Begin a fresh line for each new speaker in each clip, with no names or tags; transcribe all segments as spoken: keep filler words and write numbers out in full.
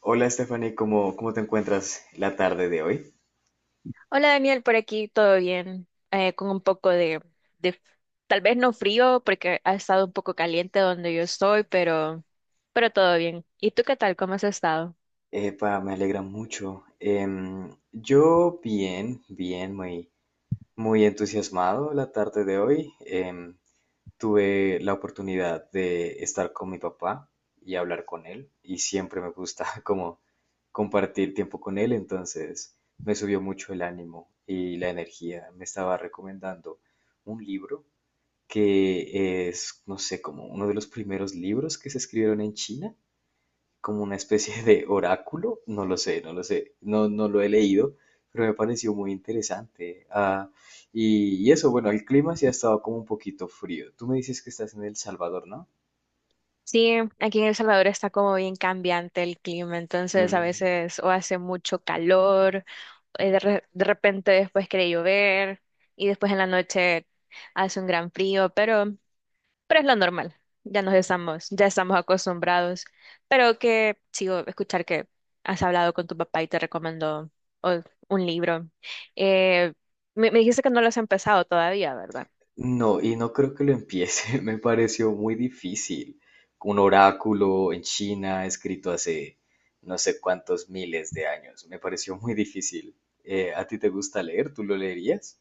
Hola Stephanie, ¿cómo, cómo te encuentras la tarde de hoy?
Hola Daniel, por aquí todo bien. Eh, con un poco de, de- tal vez no frío porque ha estado un poco caliente donde yo estoy, pero, pero todo bien. ¿Y tú qué tal? ¿Cómo has estado?
Epa, me alegra mucho. Em, yo bien, bien, muy, muy entusiasmado la tarde de hoy. Em, tuve la oportunidad de estar con mi papá y hablar con él y siempre me gusta como compartir tiempo con él, entonces me subió mucho el ánimo y la energía. Me estaba recomendando un libro que es, no sé, como uno de los primeros libros que se escribieron en China, como una especie de oráculo, no lo sé, no lo sé, no, no lo he leído, pero me pareció muy interesante. Ah, y, y eso, bueno, el clima sí ha estado como un poquito frío. Tú me dices que estás en El Salvador, ¿no?
Sí, aquí en El Salvador está como bien cambiante el clima, entonces a
Mm.
veces o hace mucho calor, eh, de, re- de repente después quiere llover y después en la noche hace un gran frío, pero es lo normal, ya nos estamos, ya estamos acostumbrados, pero que sigo escuchar que has hablado con tu papá y te recomendó o- un libro. Eh, me, me dijiste que no lo has empezado todavía, ¿verdad?
No, y no creo que lo empiece, me pareció muy difícil. Un oráculo en China escrito hace no sé cuántos miles de años, me pareció muy difícil. Eh, ¿a ti te gusta leer? ¿Tú lo leerías?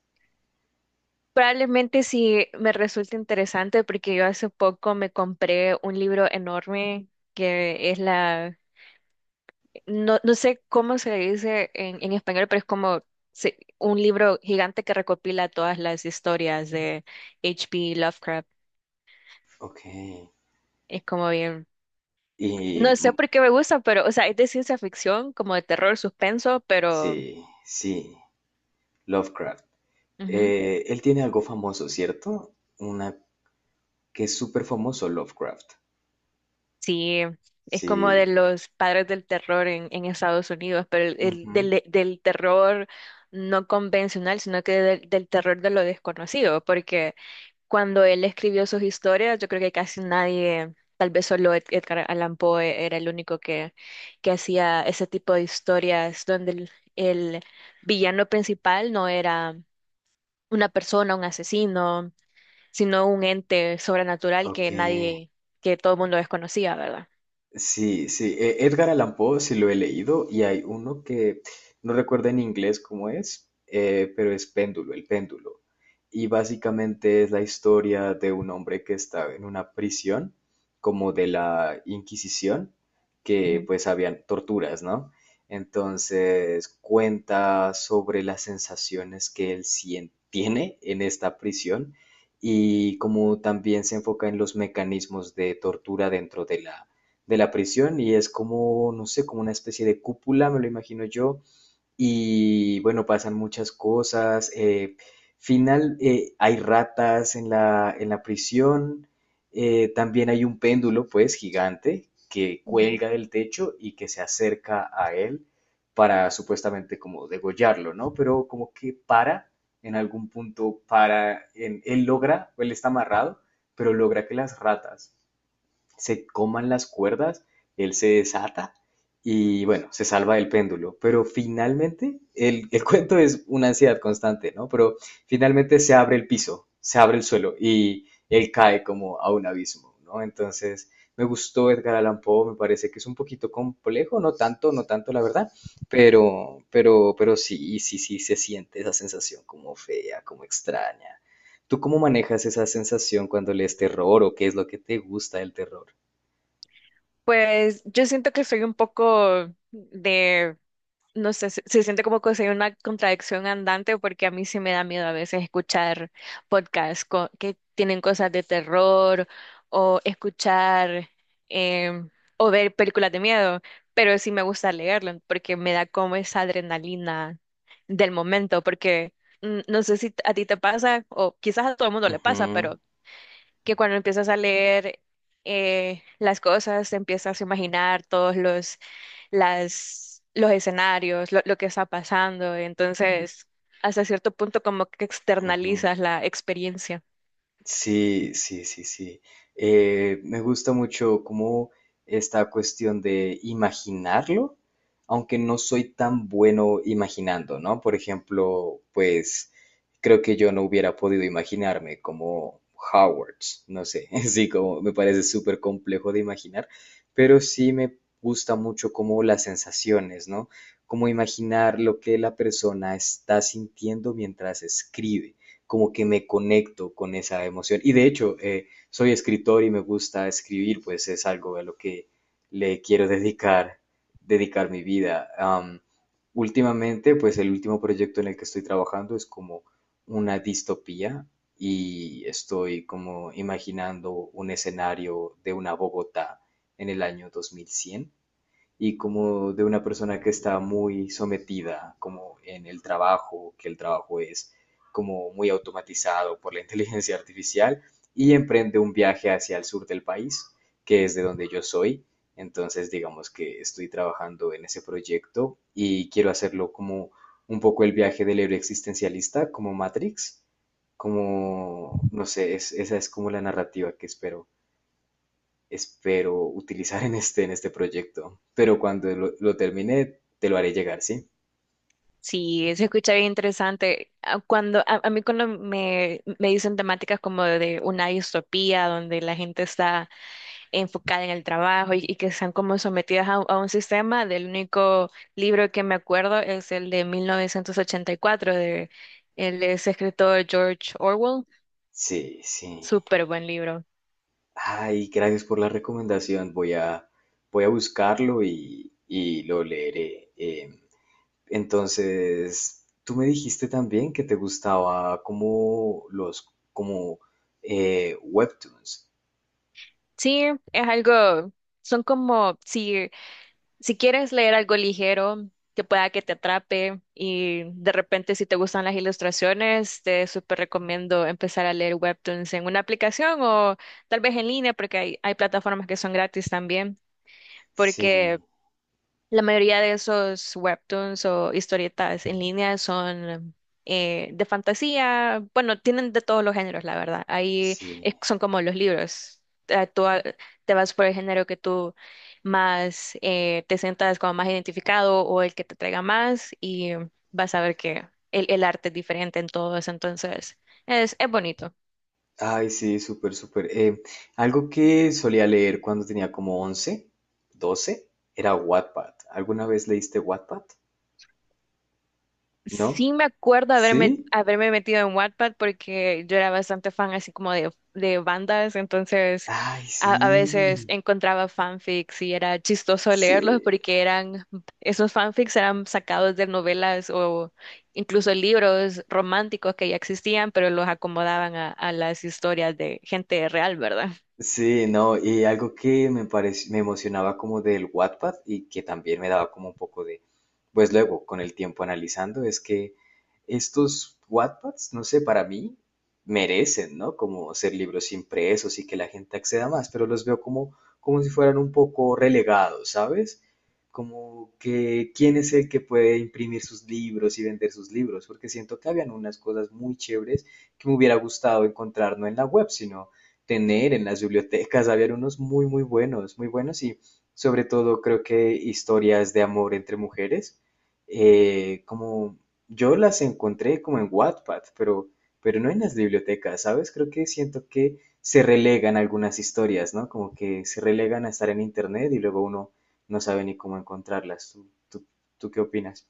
Probablemente sí me resulte interesante porque yo hace poco me compré un libro enorme que es la, no, no sé cómo se le dice en, en, español, pero es como se- un libro gigante que recopila todas las historias de H P Lovecraft.
Ok.
Es como bien.
Y
No sé
mm,
por qué me gusta, pero, o sea, es de ciencia ficción, como de terror, suspenso, pero
sí, sí, Lovecraft.
ujú,
Eh, él tiene algo famoso, ¿cierto? Una que es súper famoso, Lovecraft.
sí, es como
Sí.
de los padres del terror en, en, Estados Unidos, pero el, el,
Ujú.
del, del terror no convencional, sino que del, del terror de lo desconocido, porque cuando él escribió sus historias, yo creo que casi nadie, tal vez solo Ed- Edgar Allan Poe era el único que, que hacía ese tipo de historias donde el el villano principal no era una persona, un asesino, sino un ente sobrenatural
Ok.
que nadie, que todo el mundo desconocía, ¿verdad?
Sí, sí, e- Edgar Allan Poe sí lo he leído y hay uno que no recuerdo en inglés cómo es, eh, pero es Péndulo, el péndulo. Y básicamente es la historia de un hombre que está en una prisión, como de la Inquisición, que
Ujú,
pues habían torturas, ¿no? Entonces cuenta sobre las sensaciones que él sien- tiene en esta prisión y como también se enfoca en los mecanismos de tortura dentro de la de la prisión y es como, no sé, como una especie de cúpula, me lo imagino yo. Y bueno, pasan muchas cosas. Eh, final, eh, hay ratas en la, en la prisión. Eh, también hay un péndulo, pues, gigante que
ujú.
cuelga del techo y que se acerca a él para supuestamente como degollarlo, ¿no? Pero como que para, en algún punto para, en- él logra, él está amarrado, pero logra que las ratas se coman las cuerdas, él se desata y bueno, se salva del péndulo. Pero finalmente, el, el cuento es una ansiedad constante, ¿no? Pero finalmente se abre el piso, se abre el suelo y él cae como a un abismo, ¿no? Entonces, me gustó Edgar Allan Poe, me parece que es un poquito complejo, no tanto, no tanto la verdad, pero, pero, pero sí, sí, sí se siente esa sensación como fea, como extraña. ¿Tú cómo manejas esa sensación cuando lees terror o qué es lo que te gusta del terror?
Pues yo siento que soy un poco de, no sé, se, se siente como que soy una contradicción andante porque a mí sí me da miedo a veces escuchar podcasts co- que tienen cosas de terror o escuchar em, o ver películas de miedo, pero sí me gusta leerlo porque me da como esa adrenalina del momento, porque mm, no sé si a ti te pasa o quizás a todo el mundo le pasa, pero
Ujú,
que cuando empiezas a leer eh, las cosas, te empiezas a imaginar todos los, las, los escenarios, lo, lo que está pasando. Entonces, hasta cierto punto como que
ujú.
externalizas la experiencia.
Sí, sí, sí, sí. Eh, me gusta mucho como esta cuestión de imaginarlo, aunque no soy tan bueno imaginando, ¿no? Por ejemplo, pues creo que yo no hubiera podido imaginarme como Howard, no sé, sí, como me parece súper complejo de imaginar, pero sí me gusta mucho como las sensaciones, ¿no? Como imaginar lo que la persona está sintiendo mientras escribe. Como que me conecto con esa emoción. Y de hecho, eh, soy escritor y me gusta escribir, pues es algo a lo que le quiero dedicar, dedicar mi vida. Am, últimamente, pues el último proyecto en el que estoy trabajando es como una distopía y estoy como imaginando un escenario de una Bogotá en el año dos mil cien y como de una persona que está muy sometida como en el trabajo, que el trabajo es como muy automatizado por la inteligencia artificial y emprende un viaje hacia el sur del país, que es de donde yo soy. Entonces, digamos que estoy trabajando en ese proyecto y quiero hacerlo como un poco el viaje del héroe existencialista, como Matrix, como, no sé, es- esa es como la narrativa que espero espero utilizar en este, en este proyecto. Pero cuando lo, lo termine, te lo haré llegar, ¿sí?
Sí, se escucha bien interesante. Ah, Cuando, a, a mí cuando me, me dicen temáticas como de una distopía, donde la gente está enfocada en el trabajo y, y que están como sometidas a, a un sistema. Del único libro que me acuerdo es el de mil novecientos ochenta y cuatro de el de ese escritor George Orwell.
Sí, sí.
Súper buen libro.
Ay, gracias por la recomendación. Voy a, voy a buscarlo y, y lo leeré. Em, entonces, tú me dijiste también que te gustaba como los, como eh, webtoons.
Sí, es algo, son como si, si quieres leer algo ligero que pueda que te atrape y de repente si te gustan las ilustraciones, te súper recomiendo empezar a leer webtoons en una aplicación o tal vez en línea porque hay, hay plataformas que son gratis también, porque
Sí,
la mayoría de esos webtoons o historietas en línea son eh, de fantasía, bueno, tienen de todos los géneros, la verdad. Ahí
sí.
es- son como los libros. Eh, Tú a- te vas por el género que tú más eh, te sientas como más identificado o el que te traiga más y vas a ver que el, el arte es diferente en todos, entonces es, es bonito.
Ay, sí, súper, súper. Eh, algo que solía leer cuando tenía como once, doce, era Wattpad. ¿Alguna vez leíste Wattpad? ¿No?
Sí me acuerdo haberme,
¿Sí?
haberme metido en Wattpad porque yo era bastante fan así como de, de, bandas, entonces
Ay,
a, a veces
sí.
encontraba fanfics y era chistoso
Sí.
leerlos porque eran, esos fanfics eran sacados de novelas o incluso libros románticos que ya existían, pero los acomodaban a, a las historias de gente real, ¿verdad?
Sí, no, y algo que me parec- me emocionaba como del Wattpad y que también me daba como un poco de, pues luego con el tiempo analizando, es que estos Wattpads, no sé, para mí merecen, ¿no? Como ser libros impresos y que la gente acceda más, pero los veo como, como si fueran un poco relegados, ¿sabes? Como que quién es el que puede imprimir sus libros y vender sus libros, porque siento que habían unas cosas muy chéveres que me hubiera gustado encontrar no en la web, sino tener en las bibliotecas. Había unos muy, muy buenos, muy buenos y sobre todo creo que historias de amor entre mujeres. Eh, como yo las encontré como en Wattpad, pero, pero no en las bibliotecas, ¿sabes? Creo que siento que se relegan algunas historias, ¿no? Como que se relegan a estar en internet y luego uno no sabe ni cómo encontrarlas. ¿Tú, tú, tú qué opinas?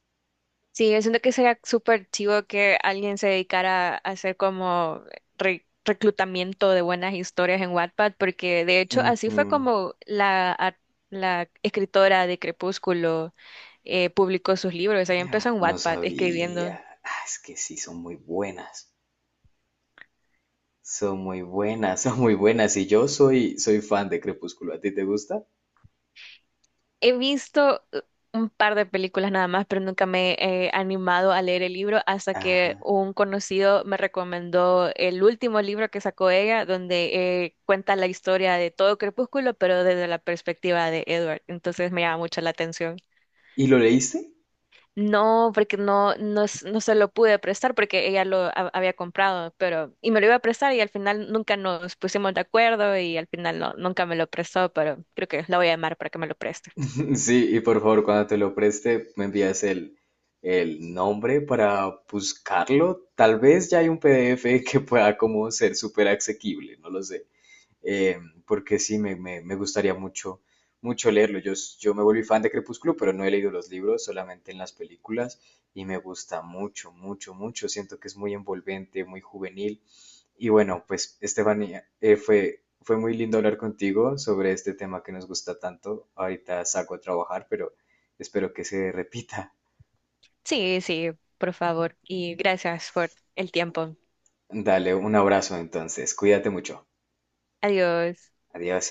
Sí, yo siento que sería súper chivo que alguien se dedicara a hacer como re- reclutamiento de buenas historias en Wattpad, porque de hecho así fue
Ujú.
como la, a- la escritora de Crepúsculo eh, publicó sus libros. Ella empezó en
No
Wattpad escribiendo.
sabía. Ah, es que sí, son muy buenas. Son muy buenas, son muy buenas. Y yo soy, soy fan de Crepúsculo. ¿A ti te gusta?
He visto eh, un par de películas nada más, pero nunca me he animado a leer el libro hasta
Ajá.
que un conocido me recomendó el último libro que sacó ella, donde eh, cuenta la historia de todo Crepúsculo, pero desde la perspectiva de Edward. Entonces me llama mucho la atención.
¿Y lo leíste?
No, porque no, no, s- no se lo pude prestar porque ella lo ha- había comprado, pero y me lo iba a prestar y al final nunca nos pusimos de acuerdo y al final no, nunca me lo prestó, pero creo que la voy a llamar para que me lo preste.
Sí, y por favor, cuando te lo preste, me envías el, el nombre para buscarlo. Tal vez ya hay un P D F que pueda como ser súper asequible, no lo sé. Eh, Porque sí, me, me, me gustaría mucho, mucho leerlo. Yo, s- yo me volví fan de Crepúsculo, pero no he leído los libros, solamente en las películas. Y me gusta mucho, mucho, mucho. Siento que es muy envolvente, muy juvenil. Y bueno, pues Estefanía, eh, fue, fue muy lindo hablar contigo sobre este tema que nos gusta tanto. Ahorita salgo a trabajar, pero espero que se repita.
Sí, sí, por favor. Y gracias por el tiempo.
Dale un abrazo entonces. Cuídate mucho.
Adiós.
Adiós.